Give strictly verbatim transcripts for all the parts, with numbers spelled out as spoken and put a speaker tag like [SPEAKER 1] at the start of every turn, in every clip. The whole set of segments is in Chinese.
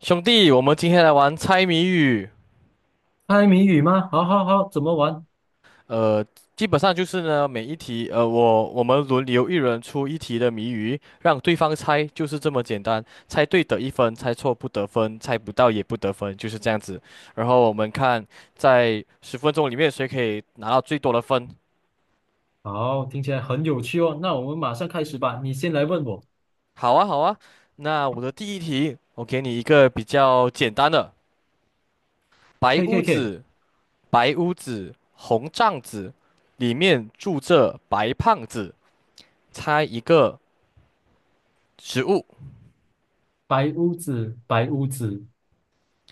[SPEAKER 1] 兄弟，我们今天来玩猜谜语。
[SPEAKER 2] 猜谜语吗？好好好，怎么玩？
[SPEAKER 1] 呃，基本上就是呢，每一题，呃，我我们轮流一人出一题的谜语，让对方猜，就是这么简单。猜对得一分，猜错不得分，猜不到也不得分，就是这样子。然后我们看在十分钟里面谁可以拿到最多的分。
[SPEAKER 2] 好，听起来很有趣哦。那我们马上开始吧。你先来问我。
[SPEAKER 1] 好啊，好啊。那我的第一题，我给你一个比较简单的：白
[SPEAKER 2] K
[SPEAKER 1] 屋
[SPEAKER 2] K K，
[SPEAKER 1] 子，白屋子，红帐子，里面住着白胖子。猜一个植物，
[SPEAKER 2] 白屋子，白屋子，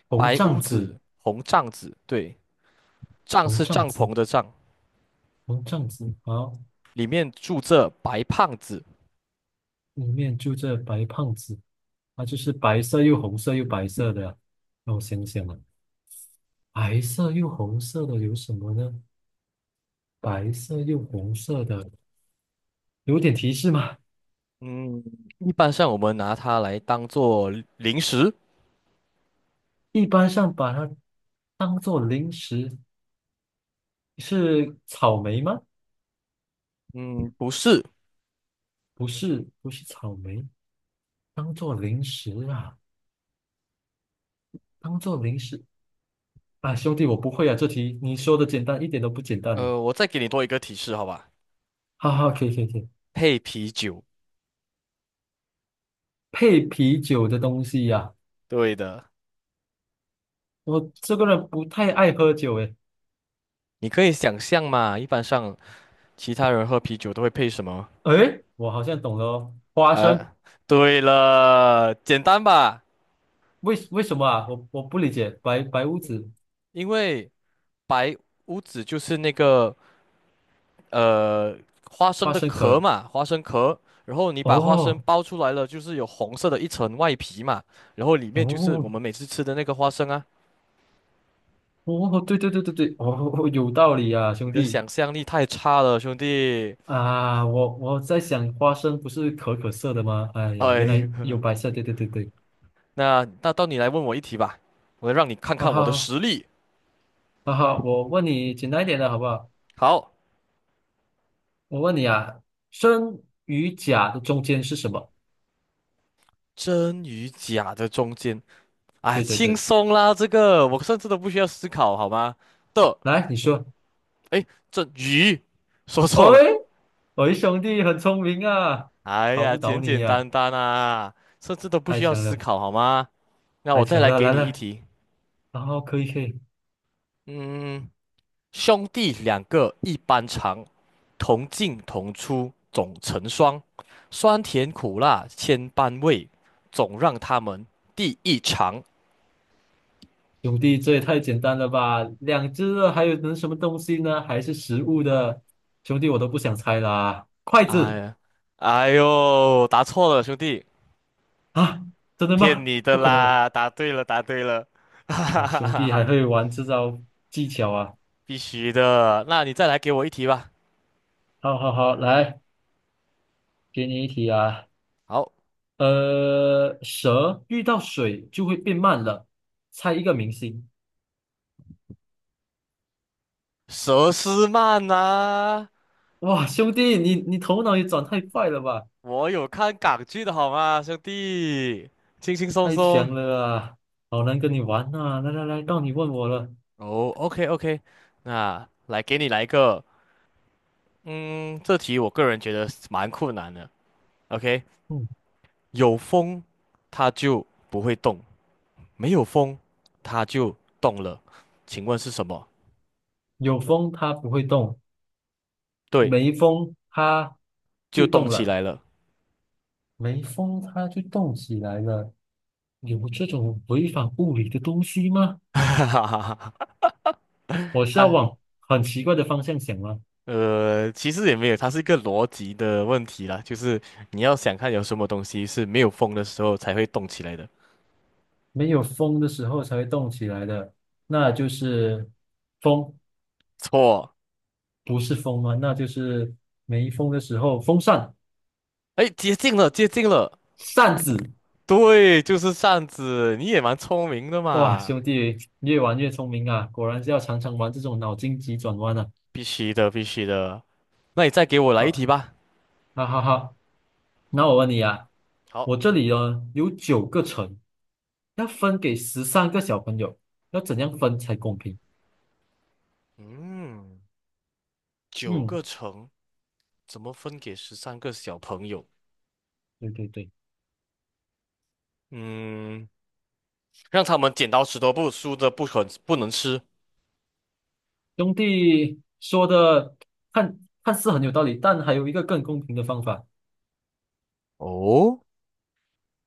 [SPEAKER 2] 红
[SPEAKER 1] 白
[SPEAKER 2] 帐
[SPEAKER 1] 屋
[SPEAKER 2] 子，
[SPEAKER 1] 子，红帐子，对，帐
[SPEAKER 2] 红
[SPEAKER 1] 是
[SPEAKER 2] 帐
[SPEAKER 1] 帐
[SPEAKER 2] 子，
[SPEAKER 1] 篷的帐，
[SPEAKER 2] 红帐子。好，
[SPEAKER 1] 里面住着白胖子。
[SPEAKER 2] 里面住着白胖子，啊，就是白色又红色又白色的呀。让我想想啊，白色又红色的有什么呢？白色又红色的，有点提示吗？
[SPEAKER 1] 嗯，一般上我们拿它来当做零食。
[SPEAKER 2] 一般上把它当做零食，是草莓吗？
[SPEAKER 1] 嗯，不是。
[SPEAKER 2] 不是不是草莓，当做零食啊，当做零食啊，兄弟，我不会啊，这题你说的简单一点都不简单呢。
[SPEAKER 1] 呃，我再给你多一个提示，好吧？
[SPEAKER 2] 哈哈，可以可以可以，
[SPEAKER 1] 配啤酒。
[SPEAKER 2] 配啤酒的东西呀、
[SPEAKER 1] 对的，
[SPEAKER 2] 我这个人不太爱喝酒诶。
[SPEAKER 1] 你可以想象嘛，一般上其他人喝啤酒都会配什么？
[SPEAKER 2] 诶，我好像懂了哦，花
[SPEAKER 1] 呃，
[SPEAKER 2] 生，
[SPEAKER 1] 对了，简单吧？
[SPEAKER 2] 为为什么啊？我我不理解，白白屋
[SPEAKER 1] 因
[SPEAKER 2] 子
[SPEAKER 1] 因为白屋子就是那个呃，花生
[SPEAKER 2] 花
[SPEAKER 1] 的
[SPEAKER 2] 生
[SPEAKER 1] 壳
[SPEAKER 2] 壳，
[SPEAKER 1] 嘛，花生壳，然后你把花生
[SPEAKER 2] 哦
[SPEAKER 1] 剥出来了，就是有红色的一层外皮嘛，然后里面就是我
[SPEAKER 2] 哦
[SPEAKER 1] 们每次吃的那个花生啊。
[SPEAKER 2] 哦，对对对对对，哦，哦哦有道理啊，
[SPEAKER 1] 你
[SPEAKER 2] 兄
[SPEAKER 1] 的
[SPEAKER 2] 弟，
[SPEAKER 1] 想象力太差了，兄弟。
[SPEAKER 2] 啊，我我在想，花生不是可可色的吗？哎呀，原
[SPEAKER 1] 哎，
[SPEAKER 2] 来有白色，对对对对，
[SPEAKER 1] 那那到你来问我一题吧，我让你看
[SPEAKER 2] 哈
[SPEAKER 1] 看我的
[SPEAKER 2] 哈
[SPEAKER 1] 实力。
[SPEAKER 2] 哈哈！我问你简单一点的好不好？
[SPEAKER 1] 好，
[SPEAKER 2] 我问你啊，真与假的中间是什么？
[SPEAKER 1] 真与假的中间，哎，
[SPEAKER 2] 对对
[SPEAKER 1] 轻
[SPEAKER 2] 对，
[SPEAKER 1] 松啦，这个我甚至都不需要思考，好吗？的，
[SPEAKER 2] 来你说。
[SPEAKER 1] 哎，这鱼，说
[SPEAKER 2] 哎，
[SPEAKER 1] 错了，
[SPEAKER 2] 喂，兄弟很聪明啊，
[SPEAKER 1] 哎
[SPEAKER 2] 考
[SPEAKER 1] 呀，
[SPEAKER 2] 不倒
[SPEAKER 1] 简
[SPEAKER 2] 你
[SPEAKER 1] 简
[SPEAKER 2] 呀、
[SPEAKER 1] 单单啊，甚至都不
[SPEAKER 2] 太
[SPEAKER 1] 需要
[SPEAKER 2] 强
[SPEAKER 1] 思
[SPEAKER 2] 了，
[SPEAKER 1] 考，好吗？那
[SPEAKER 2] 太
[SPEAKER 1] 我再
[SPEAKER 2] 强
[SPEAKER 1] 来
[SPEAKER 2] 了，
[SPEAKER 1] 给
[SPEAKER 2] 来
[SPEAKER 1] 你一
[SPEAKER 2] 来，
[SPEAKER 1] 题，
[SPEAKER 2] 然后可以可以，
[SPEAKER 1] 嗯，兄弟两个一般长，同进同出总成双，酸甜苦辣千般味，总让他们第一尝。
[SPEAKER 2] 兄弟这也太简单了吧？两只了，还有能什么东西呢？还是食物的，兄弟我都不想猜啦，筷
[SPEAKER 1] 哎
[SPEAKER 2] 子。
[SPEAKER 1] 呀，哎呦，答错了，兄弟，
[SPEAKER 2] 啊，真的
[SPEAKER 1] 骗
[SPEAKER 2] 吗？
[SPEAKER 1] 你的
[SPEAKER 2] 不可能吧！
[SPEAKER 1] 啦！答对了，答对了，哈哈
[SPEAKER 2] 哇，
[SPEAKER 1] 哈
[SPEAKER 2] 兄
[SPEAKER 1] 哈
[SPEAKER 2] 弟
[SPEAKER 1] 哈，
[SPEAKER 2] 还会玩这招技巧啊！
[SPEAKER 1] 必须的。那你再来给我一题吧。
[SPEAKER 2] 好好好，来，给你一题啊。
[SPEAKER 1] 好，
[SPEAKER 2] 呃，蛇遇到水就会变慢了，猜一个明星。
[SPEAKER 1] 佘诗曼呐、
[SPEAKER 2] 哇，兄弟，你你头脑也转太快了吧，
[SPEAKER 1] 我有看港剧的好吗，兄弟，轻轻松
[SPEAKER 2] 太
[SPEAKER 1] 松。
[SPEAKER 2] 强了啊！好难跟你玩啊！来来来，到你问我了。
[SPEAKER 1] 哦，OK OK，那来给你来一个，嗯，这题我个人觉得是蛮困难的。OK，
[SPEAKER 2] 嗯，
[SPEAKER 1] 有风它就不会动，没有风它就动了，请问是什么？
[SPEAKER 2] 有风它不会动，
[SPEAKER 1] 对，
[SPEAKER 2] 没风它
[SPEAKER 1] 就
[SPEAKER 2] 就
[SPEAKER 1] 动
[SPEAKER 2] 动
[SPEAKER 1] 起
[SPEAKER 2] 了。
[SPEAKER 1] 来了。
[SPEAKER 2] 没风它就动起来了，有这种违反物理的东西吗？
[SPEAKER 1] 哈哈哈哈。哈，
[SPEAKER 2] 我是要
[SPEAKER 1] 它
[SPEAKER 2] 往很奇怪的方向想吗？
[SPEAKER 1] 呃，其实也没有，它是一个逻辑的问题啦，就是你要想看有什么东西是没有风的时候才会动起来的。
[SPEAKER 2] 没有风的时候才会动起来的，那就是风，
[SPEAKER 1] 错。
[SPEAKER 2] 不是风吗？那就是没风的时候，风扇、
[SPEAKER 1] 哎，接近了，接近了，
[SPEAKER 2] 扇子。
[SPEAKER 1] 对，就是扇子，你也蛮聪明的
[SPEAKER 2] 哇，
[SPEAKER 1] 嘛，
[SPEAKER 2] 兄弟，越玩越聪明啊！果然是要常常玩这种脑筋急转弯啊！
[SPEAKER 1] 必须的，必须的。那你再给我来一题
[SPEAKER 2] 好，
[SPEAKER 1] 吧。
[SPEAKER 2] 哈哈哈。那我问你啊，
[SPEAKER 1] 好，
[SPEAKER 2] 我这里呢有九个城，要分给十三个小朋友，要怎样分才公平？
[SPEAKER 1] 嗯，九
[SPEAKER 2] 嗯，
[SPEAKER 1] 个橙怎么分给十三个小朋友？
[SPEAKER 2] 对对对，
[SPEAKER 1] 嗯，让他们剪刀石头布，输的不肯不能吃。
[SPEAKER 2] 兄弟说的看看似很有道理，但还有一个更公平的方法，
[SPEAKER 1] 哦，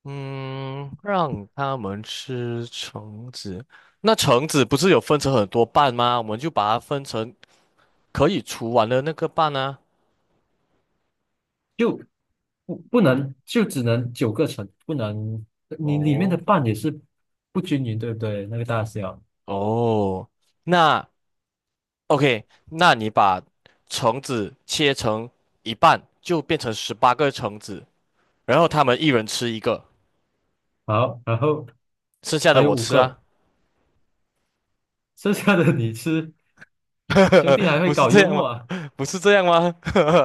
[SPEAKER 1] 嗯，让他们吃橙子。那橙子不是有分成很多瓣吗？我们就把它分成可以除完的那个瓣啊。
[SPEAKER 2] 就不不能就只能九个城，不能你里面的
[SPEAKER 1] 哦。
[SPEAKER 2] 半也是不均匀，对不对？那个大小。
[SPEAKER 1] 哦，那 OK，那你把橙子切成一半，就变成十八个橙子，然后他们一人吃一个，
[SPEAKER 2] 好，然后
[SPEAKER 1] 剩下
[SPEAKER 2] 还
[SPEAKER 1] 的
[SPEAKER 2] 有
[SPEAKER 1] 我
[SPEAKER 2] 五
[SPEAKER 1] 吃
[SPEAKER 2] 个，
[SPEAKER 1] 啊，
[SPEAKER 2] 剩下的你吃，兄弟 还会
[SPEAKER 1] 不是
[SPEAKER 2] 搞
[SPEAKER 1] 这
[SPEAKER 2] 幽
[SPEAKER 1] 样吗？
[SPEAKER 2] 默啊。
[SPEAKER 1] 不是这样吗？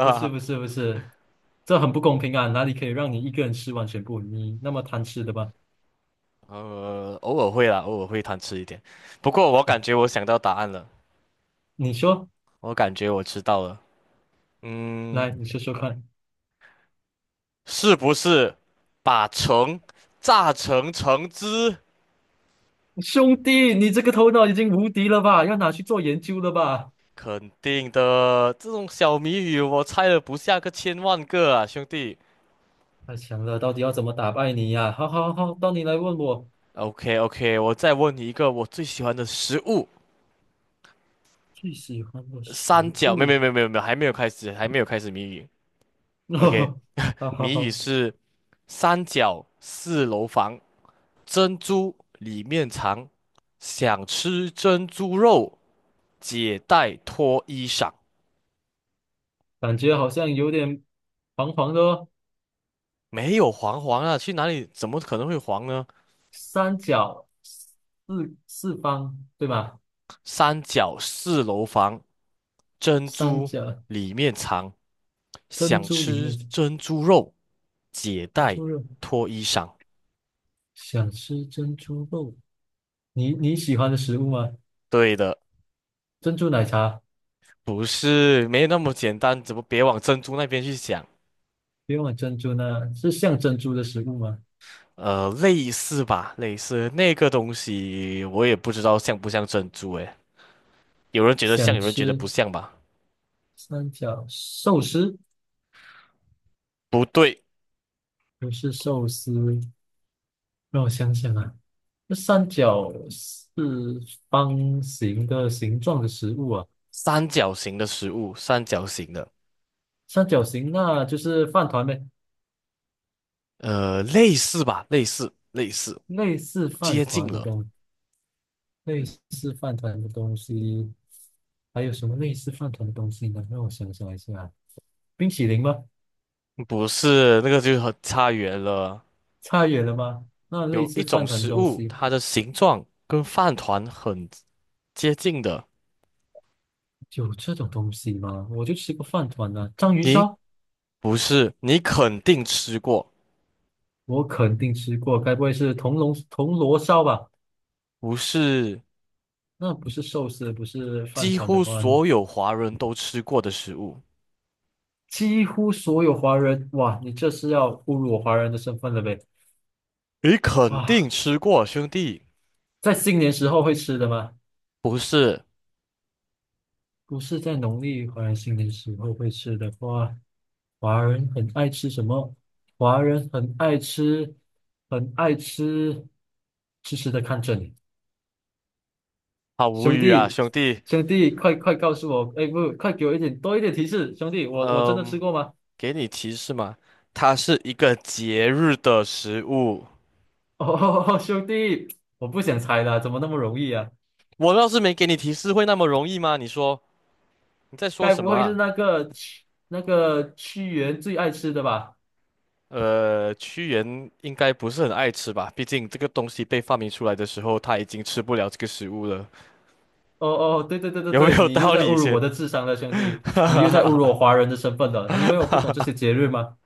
[SPEAKER 2] 不是不是不是，这很不公平啊！哪里可以让你一个人吃完全部？你那么贪吃的吧？
[SPEAKER 1] 呃，偶尔会啦，偶尔会贪吃一点。不过我
[SPEAKER 2] 哦，
[SPEAKER 1] 感觉我想到答案了，
[SPEAKER 2] 你说，
[SPEAKER 1] 我感觉我知道了。嗯，
[SPEAKER 2] 来，你说说看。
[SPEAKER 1] 是不是把橙榨成橙汁？
[SPEAKER 2] 兄弟，你这个头脑已经无敌了吧？要拿去做研究了吧？
[SPEAKER 1] 肯定的，这种小谜语我猜了不下个千万个啊，兄弟。
[SPEAKER 2] 太强了，到底要怎么打败你呀、好好好，到你来问我
[SPEAKER 1] OK OK，我再问你一个我最喜欢的食物，
[SPEAKER 2] 最喜欢的食
[SPEAKER 1] 三角，没有没有
[SPEAKER 2] 物。
[SPEAKER 1] 没有没有没有，还没有开始，还没有开始谜语。OK，
[SPEAKER 2] 好好
[SPEAKER 1] 谜语
[SPEAKER 2] 好，
[SPEAKER 1] 是三角四楼房，珍珠里面藏，想吃珍珠肉，解带脱衣裳。
[SPEAKER 2] 感觉好像有点黄黄的哦。
[SPEAKER 1] 没有黄黄啊，去哪里怎么可能会黄呢？
[SPEAKER 2] 三角四四方对吧？
[SPEAKER 1] 三角四楼房，珍
[SPEAKER 2] 三
[SPEAKER 1] 珠
[SPEAKER 2] 角
[SPEAKER 1] 里面藏，
[SPEAKER 2] 珍
[SPEAKER 1] 想
[SPEAKER 2] 珠里
[SPEAKER 1] 吃
[SPEAKER 2] 面是
[SPEAKER 1] 珍珠肉，解
[SPEAKER 2] 珍
[SPEAKER 1] 带
[SPEAKER 2] 珠肉。
[SPEAKER 1] 脱衣裳。
[SPEAKER 2] 想吃珍珠肉，你你喜欢的食物吗？
[SPEAKER 1] 对的。
[SPEAKER 2] 珍珠奶茶，
[SPEAKER 1] 不是，没那么简单，怎么别往珍珠那边去想？
[SPEAKER 2] 不用了珍珠呢，是像珍珠的食物吗？
[SPEAKER 1] 呃，类似吧，类似那个东西，我也不知道像不像珍珠诶。有人觉得像，
[SPEAKER 2] 想
[SPEAKER 1] 有人觉得不
[SPEAKER 2] 吃
[SPEAKER 1] 像吧？
[SPEAKER 2] 三角寿司，
[SPEAKER 1] 不对，
[SPEAKER 2] 不是寿司，让我想想啊，那三角是方形的形状的食物啊，
[SPEAKER 1] 三角形的食物，三角形的，
[SPEAKER 2] 三角形那就是饭团呗，
[SPEAKER 1] 呃，类似吧，类似，类似，
[SPEAKER 2] 类似饭
[SPEAKER 1] 接近
[SPEAKER 2] 团的
[SPEAKER 1] 了。
[SPEAKER 2] 东，类似饭团的东西，还有什么类似饭团的东西呢？让我想想一下啊，冰淇淋吗？
[SPEAKER 1] 不是，那个就很差远了。
[SPEAKER 2] 差远了吗？那类
[SPEAKER 1] 有一
[SPEAKER 2] 似
[SPEAKER 1] 种
[SPEAKER 2] 饭团的
[SPEAKER 1] 食
[SPEAKER 2] 东
[SPEAKER 1] 物，
[SPEAKER 2] 西
[SPEAKER 1] 它的形状跟饭团很接近的，
[SPEAKER 2] 有这种东西吗？我就吃过饭团啊，章鱼
[SPEAKER 1] 你
[SPEAKER 2] 烧
[SPEAKER 1] 不是，你肯定吃过，
[SPEAKER 2] 我肯定吃过，该不会是铜锣铜锣烧吧？
[SPEAKER 1] 不是。
[SPEAKER 2] 那不是寿司，不是饭
[SPEAKER 1] 几
[SPEAKER 2] 团的
[SPEAKER 1] 乎
[SPEAKER 2] 话，
[SPEAKER 1] 所有华人都吃过的食物。
[SPEAKER 2] 几乎所有华人，哇，你这是要侮辱我华人的身份了呗？
[SPEAKER 1] 你肯定
[SPEAKER 2] 哇，
[SPEAKER 1] 吃过，兄弟。
[SPEAKER 2] 在新年时候会吃的吗？
[SPEAKER 1] 不是，
[SPEAKER 2] 不是在农历华人新年时候会吃的话，华人很爱吃什么？华人很爱吃，很爱吃，痴痴的看着你。
[SPEAKER 1] 好无
[SPEAKER 2] 兄
[SPEAKER 1] 语啊，
[SPEAKER 2] 弟，
[SPEAKER 1] 兄弟。
[SPEAKER 2] 兄弟，快快告诉我，哎，不，快给我一点多一点提示，兄弟，我我真的吃
[SPEAKER 1] 嗯，
[SPEAKER 2] 过吗？
[SPEAKER 1] 给你提示嘛，它是一个节日的食物。
[SPEAKER 2] 哦，兄弟，我不想猜了，怎么那么容易啊？
[SPEAKER 1] 我要是没给你提示，会那么容易吗？你说你在说
[SPEAKER 2] 该
[SPEAKER 1] 什
[SPEAKER 2] 不
[SPEAKER 1] 么
[SPEAKER 2] 会是
[SPEAKER 1] 啊？
[SPEAKER 2] 那个屈那个屈原最爱吃的吧？
[SPEAKER 1] 呃，屈原应该不是很爱吃吧？毕竟这个东西被发明出来的时候，他已经吃不了这个食物了，
[SPEAKER 2] 哦哦，对对对对
[SPEAKER 1] 有没
[SPEAKER 2] 对，
[SPEAKER 1] 有
[SPEAKER 2] 你又
[SPEAKER 1] 道
[SPEAKER 2] 在
[SPEAKER 1] 理
[SPEAKER 2] 侮辱
[SPEAKER 1] 先？
[SPEAKER 2] 我的智商了，兄弟，你又在侮辱我华人的身份了。你以为我不懂这些节日吗？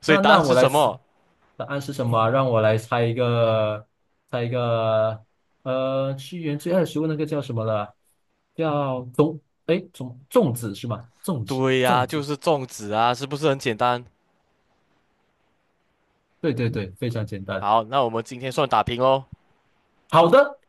[SPEAKER 1] 所以
[SPEAKER 2] 那
[SPEAKER 1] 答
[SPEAKER 2] 那
[SPEAKER 1] 案
[SPEAKER 2] 我
[SPEAKER 1] 是
[SPEAKER 2] 来
[SPEAKER 1] 什
[SPEAKER 2] 猜，
[SPEAKER 1] 么？
[SPEAKER 2] 答案是什么啊让我来猜一个，猜一个，呃，屈原最爱的食物那个叫什么了啊？叫粽，哎，粽粽子是吗？粽子，
[SPEAKER 1] 对呀、
[SPEAKER 2] 粽
[SPEAKER 1] 就
[SPEAKER 2] 子，
[SPEAKER 1] 是粽子啊，是不是很简单？
[SPEAKER 2] 对对对，非常简单。
[SPEAKER 1] 好，那我们今天算打平喽。
[SPEAKER 2] 好的，